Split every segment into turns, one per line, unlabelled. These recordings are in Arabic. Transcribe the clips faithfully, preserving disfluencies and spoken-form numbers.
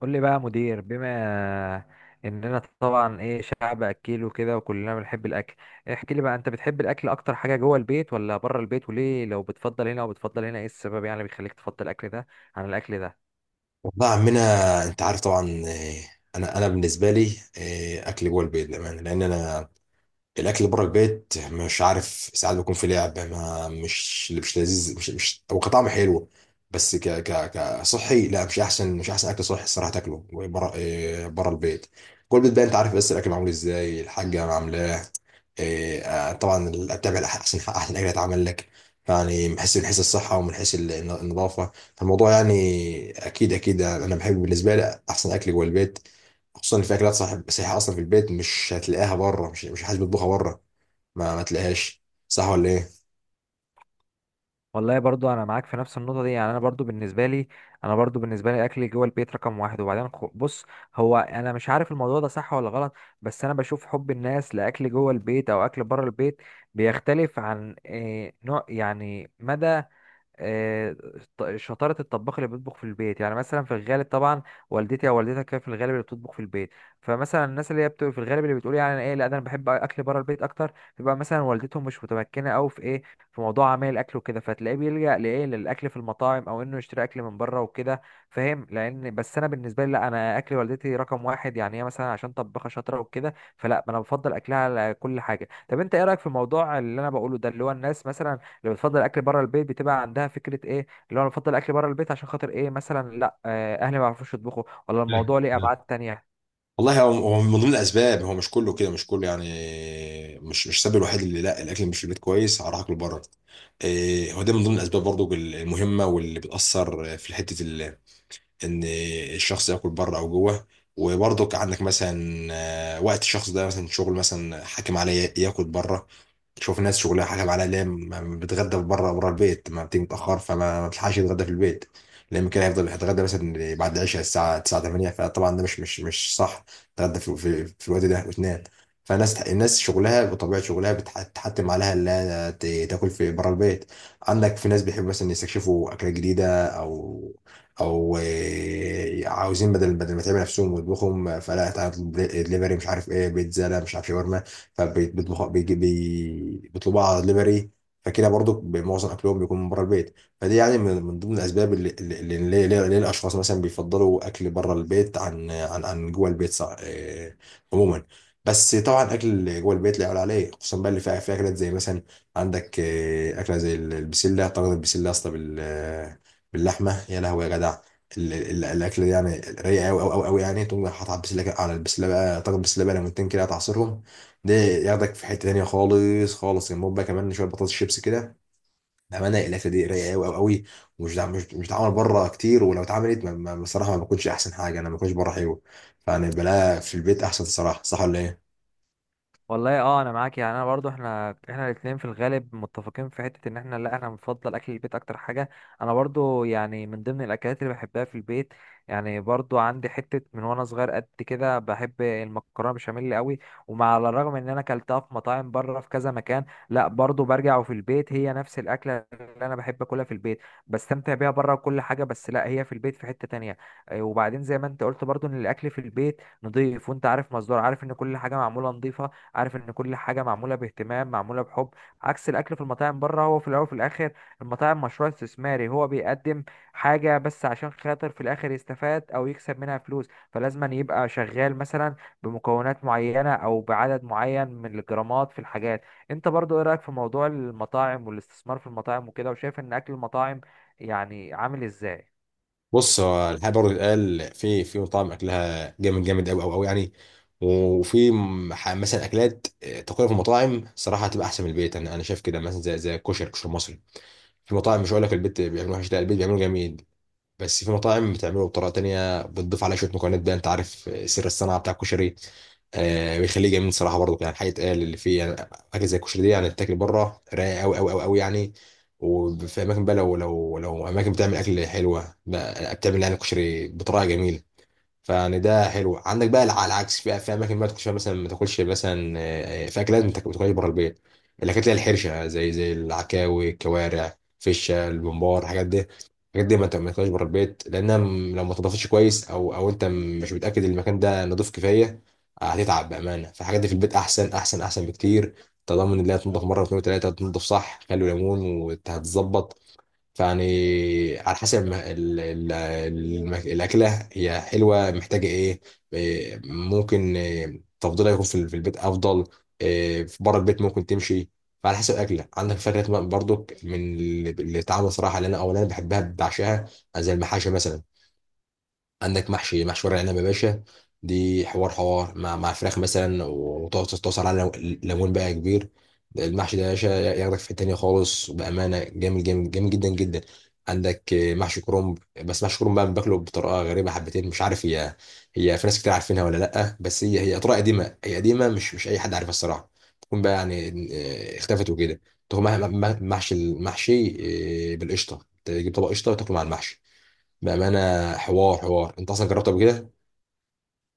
قول لي بقى يا مدير، بما اننا طبعا ايه شعب اكيل وكده، وكلنا بنحب الاكل. احكي لي بقى، انت بتحب الاكل اكتر حاجه جوه البيت ولا بره البيت؟ وليه؟ لو بتفضل هنا وبتفضل هنا، ايه السبب يعني اللي بيخليك تفضل الاكل ده عن الاكل ده؟
والله يا عمنا، انت عارف طبعا. آه، انا انا بالنسبه لي آه، اكل جوه البيت، للامانه. لان انا الاكل اللي بره البيت، مش عارف، ساعات بيكون في لعب، ما مش مش لذيذ، مش مش هو كطعم حلو. بس ك ك كصحي لا، مش احسن مش احسن اكل صحي الصراحه تاكله بره، إيه، بره البيت. كل بيت بقى انت عارف، بس الاكل معمول ازاي، الحاجه عاملاه إيه، آه، طبعا بتابع احسن احسن اكل اتعمل لك. يعني من حيث من حيث الصحه ومن حيث الن- النظافه، فالموضوع يعني اكيد اكيد انا بحب، بالنسبه لي احسن اكل جوه البيت. خصوصا ان في اكلات صح صحيحه اصلا في البيت مش هتلاقيها بره، مش مش حد بيطبخها بره، ما ما تلاقيهاش، صح ولا ايه؟
والله برضو انا معاك في نفس النقطه دي. يعني انا برضو بالنسبه لي انا برضو بالنسبه لي اكل جوه البيت رقم واحد. وبعدين خ- بص، هو انا مش عارف الموضوع ده صح ولا غلط، بس انا بشوف حب الناس لاكل جوه البيت او اكل بره البيت بيختلف عن إيه نوع يعني مدى آه، ط- شطارة الطباخ اللي بيطبخ في البيت. يعني مثلا في الغالب طبعا والدتي او والدتك كانت في الغالب اللي بتطبخ في البيت، فمثلا الناس اللي هي بتبقى في الغالب اللي بتقول يعني أنا ايه، لا ده انا بحب اكل بره البيت اكتر، بيبقى مثلا والدتهم مش متمكنة قوي في ايه، في موضوع عمل الاكل وكده، فتلاقيه بيلجأ لايه، للاكل في المطاعم او انه يشتري اكل من بره وكده. فاهم؟ لان بس انا بالنسبة لي لا، انا اكل والدتي رقم واحد، يعني هي مثلا عشان طباخة شاطرة وكده، فلا انا بفضل اكلها على كل حاجة. طب انت ايه رأيك في الموضوع اللي انا بقوله ده، اللي هو الناس مثلا اللي بتفضل الاكل بره البيت بتبقى عندها فكره ايه، اللي هو انا بفضل الاكل بره البيت عشان خاطر ايه، مثلا لا آه، اهلي ما بيعرفوش يطبخوا، ولا الموضوع ليه ابعاد تانية؟
والله هو هو من ضمن الاسباب، هو مش كله كده، مش كله يعني، مش مش السبب الوحيد اللي لا الاكل مش في البيت كويس هروح اكل بره. إيه، هو ده من ضمن الاسباب برضو المهمه، واللي بتاثر في حته ال- ان الشخص ياكل بره او جوه. وبرضك عندك مثلا آه، وقت الشخص ده، مثلا شغل مثلا حاكم عليه ياكل بره. تشوف ناس شغلها حاجه على ليه، ما بتغدى بره، بره البيت، ما بتيجي متاخر، فما ما بتلحقش يتغدى في البيت. لان كده هيفضل يتغدى مثلا بعد العشاء الساعه تسعة ثمانية، فطبعا ده مش مش مش صح تتغدى في, في, في الوقت ده وتنام. فالناس الناس شغلها، بطبيعه شغلها بتح- بتحتم عليها انها ت- تاكل في بره البيت. عندك في ناس بيحبوا مثلا يستكشفوا اكلات جديده، او او آه، عاوزين بدل بدل ما تعمل نفسهم ويطبخهم، فلا، تعالى اطلب دليفري مش عارف ايه، بيتزا، لا مش عارف شاورما، فبيطبخوا، بيجي- بي- بيطلبوها على دليفري، فكده برضو معظم اكلهم بيكون من بره البيت. فدي يعني من من ضمن الاسباب اللي اللي اللي ليه ليه- ليه الاشخاص مثلا بيفضلوا اكل بره البيت عن عن عن جوه البيت. صع- آه، عموما، بس طبعا اكل جوه البيت لا يعلى عليه، خصوصا بقى اللي فيها فيها اكلات زي مثلا عندك آه، اكله زي ال- البسله، طاجن البسله يا اسطى بال- آه، باللحمه يا لهوي يا جدع. ال- ال- الاكل ده يعني رايق قوي قوي قوي يعني، تقوم حاطط على البسله كده- على البسله بقى طاجن بسله بقى، ليمونتين كده تعصرهم، ده ياخدك في حته تانيه خالص خالص، جنبهم بقى كمان شويه بطاطس شيبس كده، بامانه الاكله دي رايقه قوي قوي قوي. ومش دع... مش مش بتتعمل بره كتير، ولو اتعملت ما- ما- بصراحه ما بكونش احسن حاجه، انا ما بكونش بره حلو. فانا بلاها في البيت احسن الصراحه، صح ولا ايه؟
والله اه، انا معاك. يعني انا برضو، احنا احنا الاثنين في الغالب متفقين في حته ان احنا لا، انا بفضل اكل البيت اكتر حاجه. انا برضو يعني من ضمن الاكلات اللي بحبها في البيت. يعني برضو عندي حته من وانا صغير قد كده بحب المكرونه بشاميل قوي. ومع على الرغم ان انا اكلتها في مطاعم بره في كذا مكان، لا برضو برجع وفي البيت هي نفس الاكله اللي انا بحب اكلها في البيت. بستمتع بيها بره وكل حاجه، بس لا هي في البيت في حته تانية. آه، وبعدين زي ما انت قلت برضو ان الاكل في البيت نضيف، وانت عارف مصدر عارف ان كل حاجه معموله نضيفه، عارف ان كل حاجه معموله باهتمام معموله بحب، عكس الاكل في المطاعم بره. هو في الاول وفي الاخر المطاعم مشروع استثماري، هو بيقدم حاجه بس عشان خاطر في الاخر يستفاد او يكسب منها فلوس، فلازم أن يبقى شغال مثلا بمكونات معينه او بعدد معين من الجرامات في الحاجات. انت برضو ايه رايك في موضوع المطاعم والاستثمار في المطاعم وكده، وشايف ان اكل المطاعم يعني عامل ازاي؟
بص، هو الحقيقه برضه اتقال، في في مطاعم اكلها جامد جامد قوي قوي قوي يعني، وفي م- ح- مثلا اكلات آه، تقريبا في المطاعم صراحه هتبقى احسن من البيت، انا انا شايف كده، مثلا زي زي الكشري الكشري المصري، في مطاعم مش هقول لك البيت بيعملوا وحش، لا البيت بيعملوا جميل، بس في مطاعم بتعمله بطريقه تانية، بتضيف عليه شويه مكونات بقى انت عارف، سر الصناعه بتاع الكشري، آه بيخليه جميل صراحه برضو. يعني الحقيقه، قال اللي فيه يعني، حاجه زي الكشري دي يعني تاكل بره رايق قوي قوي قوي قوي يعني. وفي اماكن بقى، لو لو لو اماكن بتعمل اكل حلوه، بقى- بتعمل يعني الكشري بطريقه جميله، فيعني ده حلو. عندك بقى على العكس، في في اماكن بقى تاكلش فيها مثلا ما تاكلش مثلا، آه، في اكلات ما تاك- ما تاكلهاش بره البيت، الاكلات اللي هي الحرشه زي زي العكاوي الكوارع فشه البمبار، الحاجات دي، الحاجات دي ما ت- ما تاكلهاش بره البيت، لانها م- لو ما تضافتش كويس، او او انت م- مش متاكد المكان ده نضيف كفايه، آه، هتتعب بامانه. فالحاجات دي في البيت احسن احسن احسن بكتير، تضمن ان هي تنضف مره واثنين وثلاثه، تنضف صح، خل وليمون وهتظبط. فيعني على حسب ما ال- ال- الم- الأكلة هي حلوة، محتاجة إيه، إيه، ممكن إيه، تفضيلها يكون في ال- في البيت أفضل، إيه، في بره البيت ممكن تمشي، فعلى حسب الأكلة. عندك فكرة برضو من اللي اللي اتعمل صراحة، اللي أنا أو اللي أنا بحبها بعشقها، زي المحاشي مثلا. عندك محشي محشي ورق العنب يا باشا، دي حوار حوار مع مع فراخ مثلا، وتقعد تتوصل على ليمون بقى كبير، المحشي ده يا باشا ياخدك في حتة تانية خالص، بأمانة جامد جامد جامد جدا جدا. عندك آه، محشي كرنب، بس محشي كرنب بقى باكله بطريقة غريبة حبتين، مش عارف هي، هي في ناس كتير عارفينها ولا لأ، بس هي هي طريقة قديمة، هي قديمة، مش مش أي حد عارفها الصراحة، تكون بقى يعني آه، اختفت وكده. تاخد مع- مع- محشي المحشي آه، بالقشطة، تجيب طبق قشطة وتاكله مع المحشي، بأمانة حوار حوار، انت اصلا جربته قبل كده؟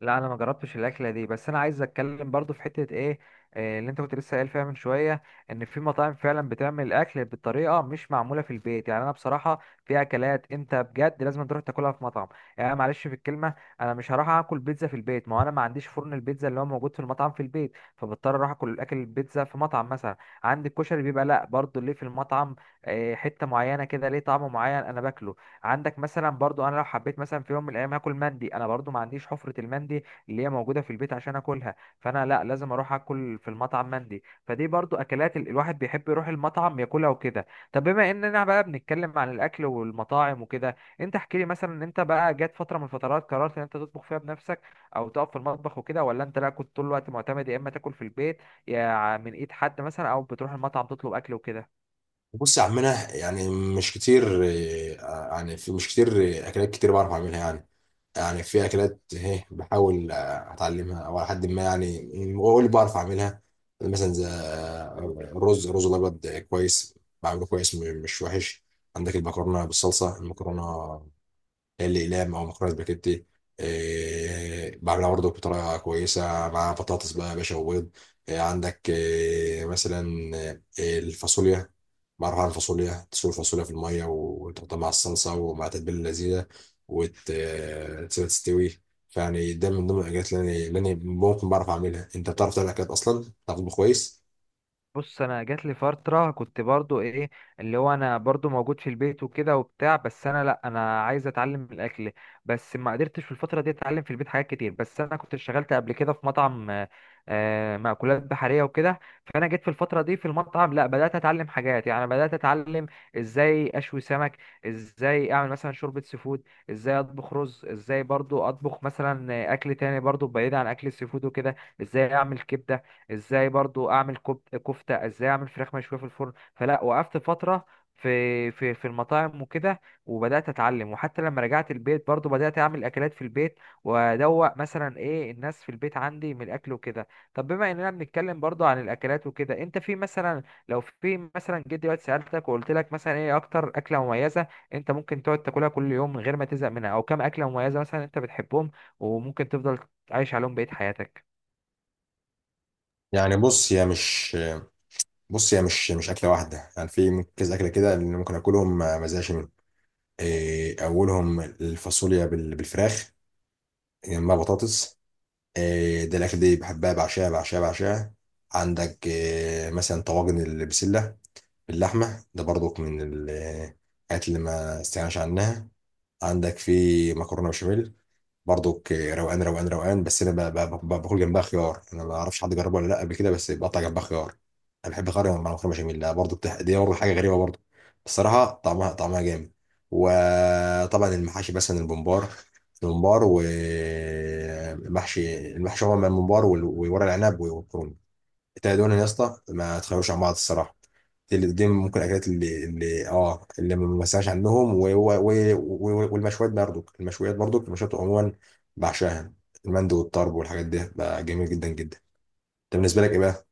لا انا ما جربتش الاكله دي، بس انا عايز اتكلم برضو في حته ايه، آه، اللي انت كنت لسه قايل فيها من شويه. ان في مطاعم فعلا بتعمل الاكل بطريقه مش معموله في البيت. يعني انا بصراحه في اكلات انت بجد لازم تروح تاكلها في مطعم، يعني معلش في الكلمه. انا مش هروح اكل بيتزا في البيت، ما هو انا ما عنديش فرن البيتزا اللي هو موجود في المطعم في البيت، فبضطر اروح اكل الاكل البيتزا في مطعم مثلا. عندي الكشري بيبقى لا برضو ليه في المطعم آه، حته معينه كده، ليه طعم معين انا باكله. عندك مثلا برضو انا لو حبيت مثلا في يوم من الايام هاكل مندي، انا برضو ما عنديش حفرة المندي اللي هي موجودة في البيت عشان اكلها، فانا لا لازم اروح اكل في المطعم مندي. فدي برضو اكلات ال- الواحد بيحب يروح المطعم ياكلها وكده. طب بما اننا بقى بنتكلم عن الاكل والمطاعم وكده، انت احكي لي مثلا، إن انت بقى جات فترة من الفترات قررت ان انت تطبخ فيها بنفسك او تقف في المطبخ وكده، ولا انت لا كنت طول الوقت معتمد، يا اما تاكل في البيت يا من ايد حد مثلا، او بتروح المطعم تطلب اكل وكده؟
بص يا عمنا يعني، مش كتير، آه، يعني في مش كتير آه، اكلات كتير بعرف اعملها يعني، يعني في اكلات اهي بحاول آه، اتعلمها او على حد ما يعني، اقول اللي بعرف اعملها. مثلا زي آه، الرز الرز الابيض كويس، بعمله كويس، م- مش وحش. عندك المكرونه بالصلصه، المكرونه الاقلام او مكرونه سباجيتي، إيه بعملها برضه بطريقه كويسه مع بطاطس بقى يا باشا وبيض. إيه عندك إيه مثلا، إيه الفاصوليا، بعرف اعمل فاصوليا، تسلق الفاصوليا في الميه وتحطها مع الصلصه ومع التتبيله اللذيذه وتسيبها تستوي. فيعني ده من ضمن الاكلات اللي انا اللي أنا ممكن بعرف اعملها. انت بتعرف تعمل اكلات اصلا؟ بتعرف تطبخ كويس؟
بص، انا جات لي فتره كنت برضو ايه، اللي هو انا برضو موجود في البيت وكده وبتاع، بس انا لا انا عايز اتعلم الاكل. بس ما قدرتش في الفتره دي اتعلم في البيت حاجات كتير. بس انا كنت اشتغلت قبل كده في مطعم آه، آه، مأكولات بحريه وكده. فانا جيت في الفتره دي في المطعم لا بدات اتعلم حاجات، يعني بدات اتعلم ازاي اشوي سمك، ازاي اعمل مثلا شوربه سي فود، ازاي اطبخ رز، ازاي برضو اطبخ مثلا اكل تاني برضو بعيد عن اكل السي فود وكده، ازاي اعمل كبده، ازاي برضو اعمل كب- كفته، ازاي اعمل فراخ مشويه في الفرن. فلا وقفت فتره في في في المطاعم وكده، وبدات اتعلم. وحتى لما رجعت البيت برضو بدات اعمل اكلات في البيت، وادوق مثلا ايه الناس في البيت عندي من الاكل وكده. طب بما اننا بنتكلم برضو عن الاكلات وكده، انت في مثلا، لو في مثلا جيت دلوقتي سالتك وقلت لك مثلا ايه اكتر اكله مميزه انت ممكن تقعد تاكلها كل يوم من غير ما تزهق منها، او كام اكله مميزه مثلا انت بتحبهم وممكن تفضل عايش عليهم بقيه حياتك؟
يعني بص هي مش بص هي مش مش اكله واحده يعني، في كذا اكله كده اللي ممكن اكلهم ما ما ازهقش منهم. إيه، اولهم الفاصوليا بال- بالفراخ، جنبها بطاطس، إيه، ده الاكل دي بحبها بعشاها بعشاها بعشاها. عندك إيه، مثلا طواجن البسله باللحمه، ده برضك من ال- الحاجات اللي ما استغناش عنها. عندك في مكرونه بشاميل برضك، روقان روقان روقان، بس انا ب- ب- ب- باكل جنبها خيار، انا ما اعرفش حد جربه ولا لا قبل كده، بس بقطع جنبها خيار، انا بحب خيار مع مكرونه بشاميل، لا برضه بتح... دي برضه حاجه غريبه برضه، الصراحه طعمها طعمها جامد. وطبعا المحاشي مثلا الممبار الممبار ومحشي المحشي، هو من الممبار وال- وورق العنب والكرنب، التلاته دول يا اسطى ما تخافوش عن بعض الصراحه. اللي دي ممكن الاكلات اللي اللي اه اللي ما بسمعش عنهم. و- و- و- والمشويات برضو، المشويات برضو، المشويات عموما بعشاها، المندي والطرب والحاجات دي بقى جميل جدا جدا. انت بالنسبه لك ايه بقى؟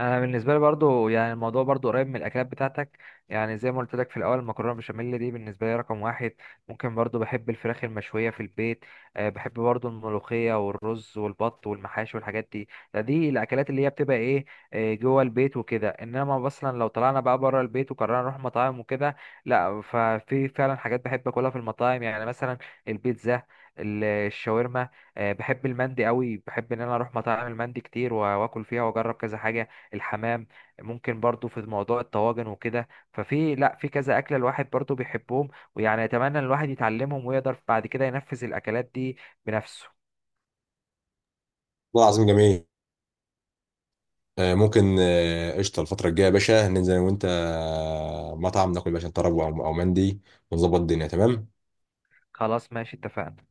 انا بالنسبه لي برضو يعني الموضوع برضو قريب من الاكلات بتاعتك. يعني زي ما قلت لك في الاول، المكرونه بشاميل دي بالنسبه لي رقم واحد. ممكن برضو بحب الفراخ المشويه في البيت. أه بحب برضو الملوخيه والرز والبط والمحاشي والحاجات دي، ده دي الاكلات اللي هي بتبقى ايه آه، جوه البيت وكده. انما اصلا لو طلعنا بقى بره البيت وقررنا نروح مطاعم وكده، لا ففي فعلا حاجات بحب اكلها في المطاعم، يعني مثلا البيتزا، ال- الشاورما. أه بحب المندي قوي، بحب ان انا اروح مطاعم المندي كتير واكل فيها واجرب كذا حاجه، الحمام. ممكن برضو في موضوع الطواجن وكده، ففي لا في كذا أكلة الواحد برضو بيحبهم، ويعني أتمنى إن الواحد يتعلمهم ويقدر بعد كده ينفذ الأكلات دي بنفسه.
والله العظيم جميل. آه، ممكن آه، قشطه الفتره الجايه يا باشا، ننزل انا وانت آه، مطعم ناكل يا باشا طرب او أو مندي، ونظبط الدنيا تمام.
خلاص ماشي، اتفقنا.